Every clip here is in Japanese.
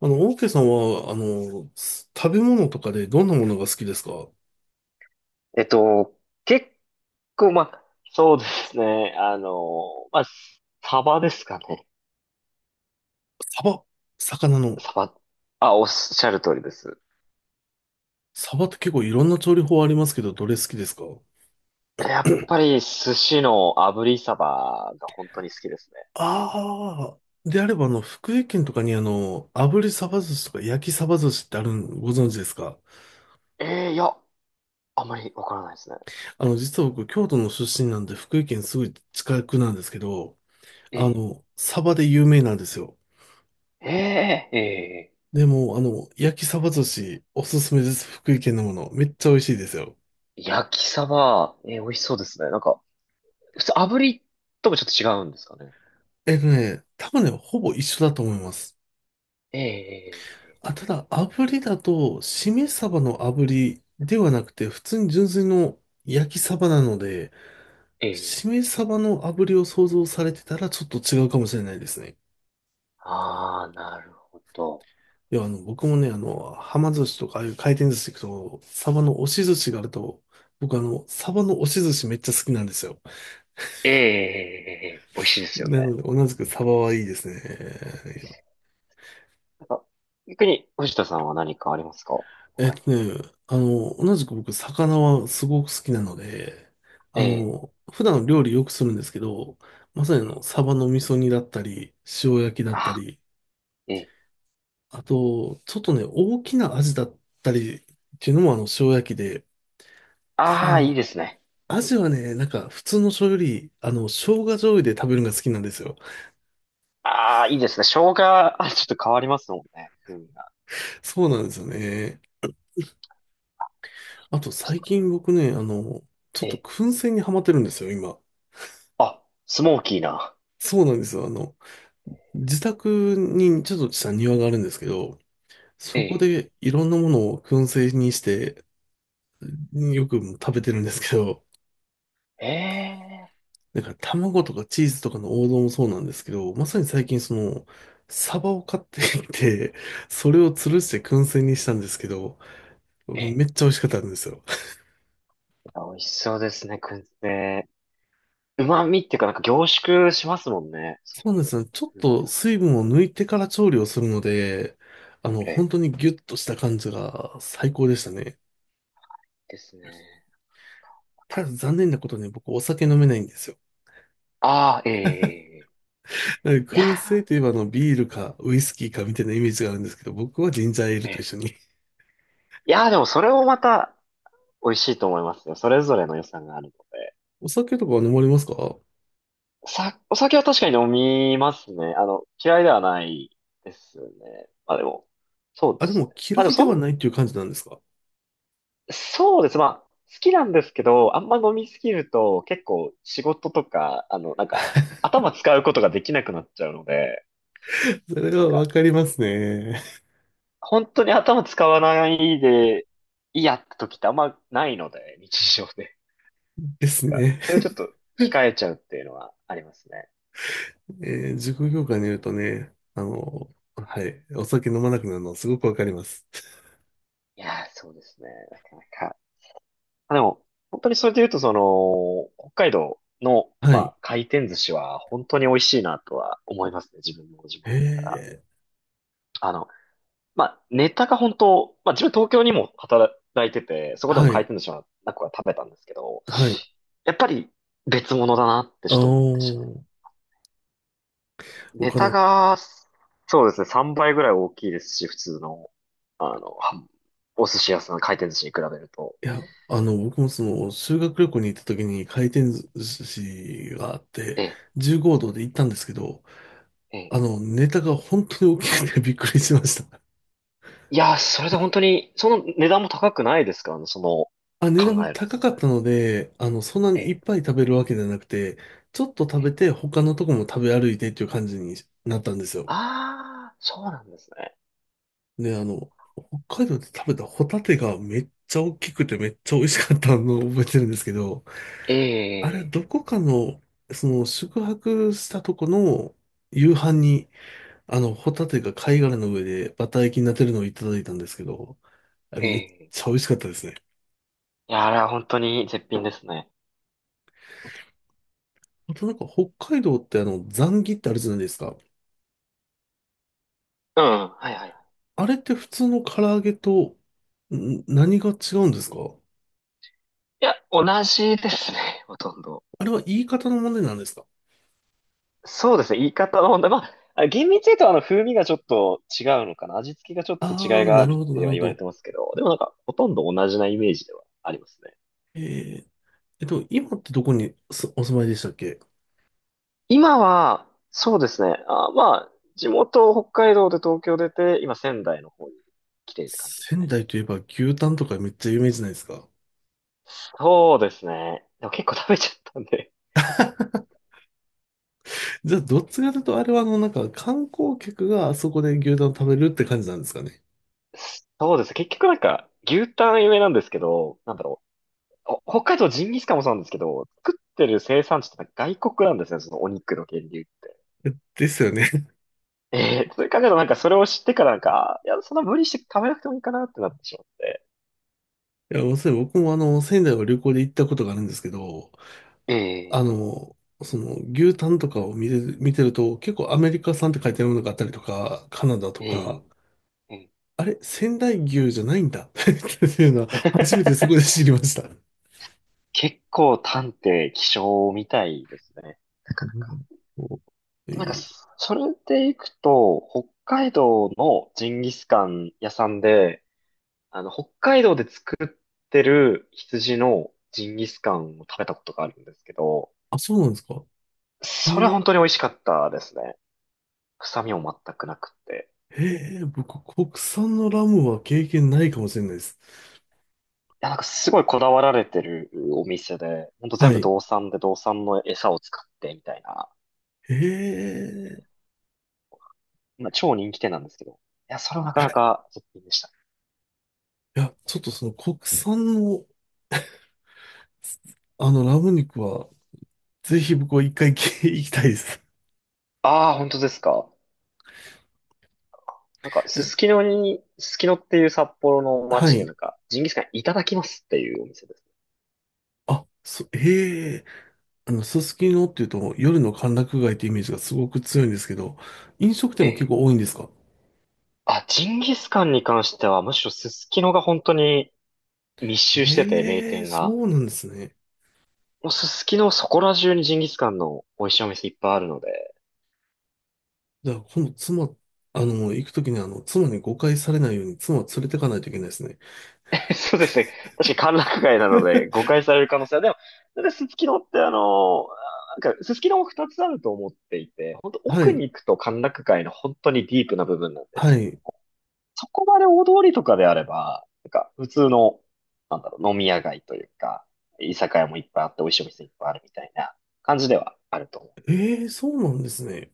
オーケーさんは、食べ物とかでどんなものが好きですか？えっと、結構、まあ、そうですね。まあ、サバですかね。サバ、魚の。サバ。あ、おっしゃる通りです。サバって結構いろんな調理法ありますけど、どれ好きですか？やっぱり寿司の炙りサバが本当に好きですああー、であれば、福井県とかに炙りサバ寿司とか焼きサバ寿司ってあるん、ご存知ですか？ね。ええ、いや、あんまりわからないですね。実は僕、京都の出身なんで、福井県すぐ近くなんですけど、ええ、サバで有名なんですよ。ええ、ええ、でも、焼きサバ寿司、おすすめです。福井県のもの。めっちゃ美味しいですよ。焼きサバ、ええ、美味しそうですね。なんか、普通炙りともちょっと違うんですかね。多分ね、ほぼ一緒だと思います。ええ、あ、ただ、炙りだと、しめ鯖の炙りではなくて、普通に純粋の焼き鯖なので、ええ、えしえ、め鯖の炙りを想像されてたらちょっと違うかもしれないですね。ああー、なるほど。いや、僕もね、はま寿司とか、ああいう回転寿司行くと、鯖の押し寿司があると、僕鯖の押し寿司めっちゃ好きなんですよ。ええ、ええ、美味しいですよなね。ので、同じく鯖はいいですね。なんか、逆に、藤田さんは何かありますか、えっ他に？とね、同じく僕、魚はすごく好きなので、ええ、普段料理よくするんですけど、まさにええ、サバの味噌煮だったり、塩焼きだったあ、り、ええ、あと、ちょっとね、大きなアジだったりっていうのも塩焼きで、ただああ、いいですね。アえジえ、はね、なんか普通の醤油より、生姜醤油で食べるのが好きなんですよ。ああ、いいですね。生姜、あ、ちょっと変わりますもんね。風味が。そうなんですよね。あと、最近僕ね、ちょっえとえ、燻製にハマってるんですよ、今。あ、スモーキーな。そうなんですよ。自宅にちょっとした庭があるんですけど、えそこえ、でいろんなものを燻製にして、よく食べてるんですけど、ええ、なんか卵とかチーズとかの王道もそうなんですけど、まさに最近その、サバを買ってきて、それを吊えるえ、して燻製にしたんですけど、ええ、めっちゃ美味しかったんですよ。美味しそうですね、燻製。旨味っていうか、なんか凝縮しますもんね。そそううなんいでうすね。ちょっ風味とが。水分を抜いてから調理をするので、ええ、本当にギュッとした感じが最高でしたね。ですね。ただ残念なことに僕お酒飲めないんですよ。ああ、ええ、ええ、ええ、いや燻製といえばビールかウイスキーかみたいなイメージがあるんですけど、僕はジンジャーエールー、と一ええ、緒に。いやー、でもそれをまた、美味しいと思いますよ。それぞれの良さがあるので。お酒とかは飲まれますか？お酒は確かに飲みますね。嫌いではないですね。まあでも、そうであ、ですもね。嫌まあでもいではないっていう感じなんですか？ そうです。まあ、好きなんですけど、あんま飲みすぎると結構仕事とか、なんか、頭使うことができなくなっちゃうので、それなんはわか、かりますね。本当に頭使わないで、いいやって時ってあんまないので、日常で。でなんすか、ね。それちょっと控えちゃうっていうのはありますね。塾業界にいるとね、はい、お酒飲まなくなるのすごくわかります。いやー、そうですね。なかなか。あ、でも、本当にそれで言うと、その、北海道の、はまい。あ、回転寿司は本当に美味しいなとは思いますね。自分の地へ元だから。え、あの、まあ、ネタが本当、まあ、自分東京にも働いてて、そこでもは回い、転寿司はなく食べたんですけど、はい。やっぱり別物だなってちあょっと思ってしまお、う。ネ僕あタの、が、そうですね、3倍ぐらい大きいですし、普通の、あの、はお寿司屋さん、回転寿司に比べると。いや、僕もその、修学旅行に行った時に回転寿司があって、ええ、15度で行ったんですけど、ええ、ネタが本当に大きくて びっくりしました。いやー、それで本当に、その値段も高くないですか、その、あ、値段も考えると高全かっ然。たので、そんなえにいえ、っぱい食べるわけじゃなくて、ちょっと食えべえ。て他のとこも食べ歩いてっていう感じになったんですよ。ああ、そうなんですね。で、北海道で食べたホタテがめっちゃ大きくてめっちゃ美味しかったのを覚えてるんですけど、えあれ、え、どこかの、その、宿泊したとこの夕飯にホタテが貝殻の上でバター焼きになってるのをいただいたんですけど、あれえめっえ。ちゃ美味しかったですね。いや、あれは本当に絶品ですね。あとなんか北海道ってザンギってあるじゃないですか。うん、はいはいはい。あれって普通の唐揚げと、何が違うんですか？いや、同じですね、ほとんど。あれは言い方の問題なんですか？そうですね、言い方の問題。まあ、厳密に言うと風味がちょっと違うのかな。味付けがちょっと違いああー、がなあるるっほど、なてるはほ言われど。てますけど、でもなんか、ほとんど同じなイメージではありますね。えー、今ってどこにすお住まいでしたっけ？今は、そうですね。あ、まあ、地元北海道で東京出て、今仙台の方に来てるって感じです仙ね。台といえば牛タンとかめっちゃ有名じゃないですか。そうですね。でも結構食べちゃったんで。じゃあ、どっちかというと、あれはなんか観光客があそこで牛タン食べるって感じなんですかね。そうです。結局なんか、牛タン有名なんですけど、なんだろう。北海道ジンギスカンもそうなんですけど、作ってる生産地ってなんか外国なんですね、そのお肉の源流って。ですよね。ええ、それ考えるとなんかそれを知ってからなんか、あ、いや、そんな無理して食べなくてもいいかなってなってしまって。いや、僕も仙台を旅行で行ったことがあるんですけど、えあえ、の、その、牛タンとかを見てると、結構アメリカ産って書いてあるものがあったりとか、カナダとえか、え、ええ、 あれ、仙台牛じゃないんだ っていうのは、初めてそこで 知りました。結構探偵、気象みたいですね。なかうなか。ん、そうで、いなんか、いそれで行くと、北海道のジンギスカン屋さんで、北海道で作ってる羊のジンギスカンを食べたことがあるんですけど、あ、そうなんですか？えそれは本ー、当に美味しかったですね。臭みも全くなくて。僕、国産のラムは経験ないかもしれないです。いや、なんかすごいこだわられてるお店で、ほんとは全部い。道産で道産の餌を使ってみたいな、ええ、まあ、超人気店なんですけど、いや、それはなかなか絶品でした。いや、ちょっとその国産の、ラム肉は、ぜひ僕は一回き 行きたいです。ああ、本当ですか。なんか、うん、すすきのっていう札幌のは街にない。んか、ジンギスカンいただきますっていうお店です。あ、へえ、すすきのっていうと夜の歓楽街ってイメージがすごく強いんですけど、飲食店えも結え。構多いんですか？あ、ジンギスカンに関しては、むしろすすきのが本当に密集してて、名へえ、店が。そうなんですね。もうすすきのそこら中にジンギスカンの美味しいお店いっぱいあるので。じゃあ、今度行くときに妻に誤解されないように妻を連れてかないといけないですね。そうですね。確かに歓楽街なので、誤解される可能性は。でも、だってすすきのってなんか、すすきのも2つあると思っていて、本当は奥い、に行くと歓楽街の本当にディープな部分なんですはけど、い。そこまで大通りとかであれば、なんか普通の、なんだろう、飲み屋街というか、居酒屋もいっぱいあって美味しいお店いっぱいあるみたいな感じではあると思う。ええ、そうなんですね。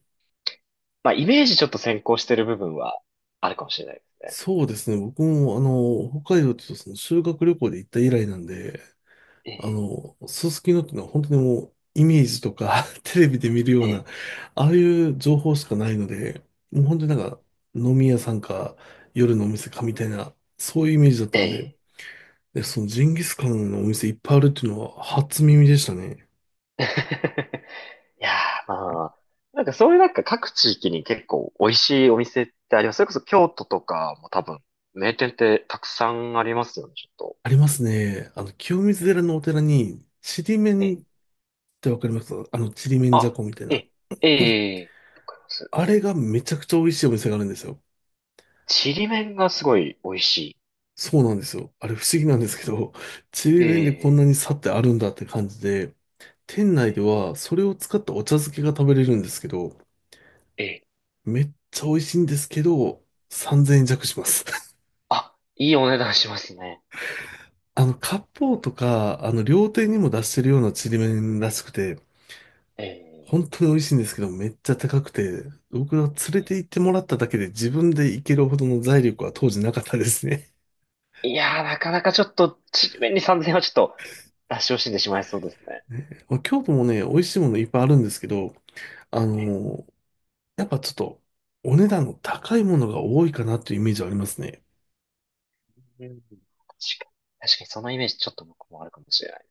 まあ、イメージちょっと先行してる部分はあるかもしれないですね。そうですね。僕も、北海道っていうとその修学旅行で行った以来なんで、ええ、すすきのっていうのは本当にもうイメージとか テレビで見るよえうな、え、ああいう情報しかないので、もう本当になんか飲み屋さんか夜のお店かみたいな、そういうイメージだっえたんで、え。で、そのジンギスカンのお店いっぱいあるっていうのは初耳でしたね。いやー、まあ、なんかそういうなんか各地域に結構美味しいお店ってあります。それこそ京都とかも多分名店ってたくさんありますよね、ちょっと。ありますね。清水寺のお寺に、ちりめえんえ、ってわかります？ちりめんじゃあ、こみたいえな。え、えうん、え、わかります。あれがめちゃくちゃ美味しいお店があるんですよ。ちりめんがすごい美味しい。そうなんですよ。あれ不思議なんですけど、ちりえめんでこんえ、なに差ってあるんだって感じで、店内えでえ、はそれを使ったお茶漬けが食べれるんですけど、ええ、めっちゃ美味しいんですけど、3,000円弱します。あ、いいお値段しますね。割烹とか、料亭にも出してるようなちりめんらしくて、え、え、本当に美味しいんですけど、めっちゃ高くて、僕は連れて行ってもらっただけで自分で行けるほどの財力は当時なかったですね。いやー、なかなかちょっと、ちりめんに3000円はちょっと、出し惜しんでしまいそうですね。ねまあ京都もね、美味しいものいっぱいあるんですけど、あえのやっぱちょっと、お値段の高いものが多いかなというイメージはありますね。え、うん、確かに、そのイメージちょっと僕もあるかもしれない。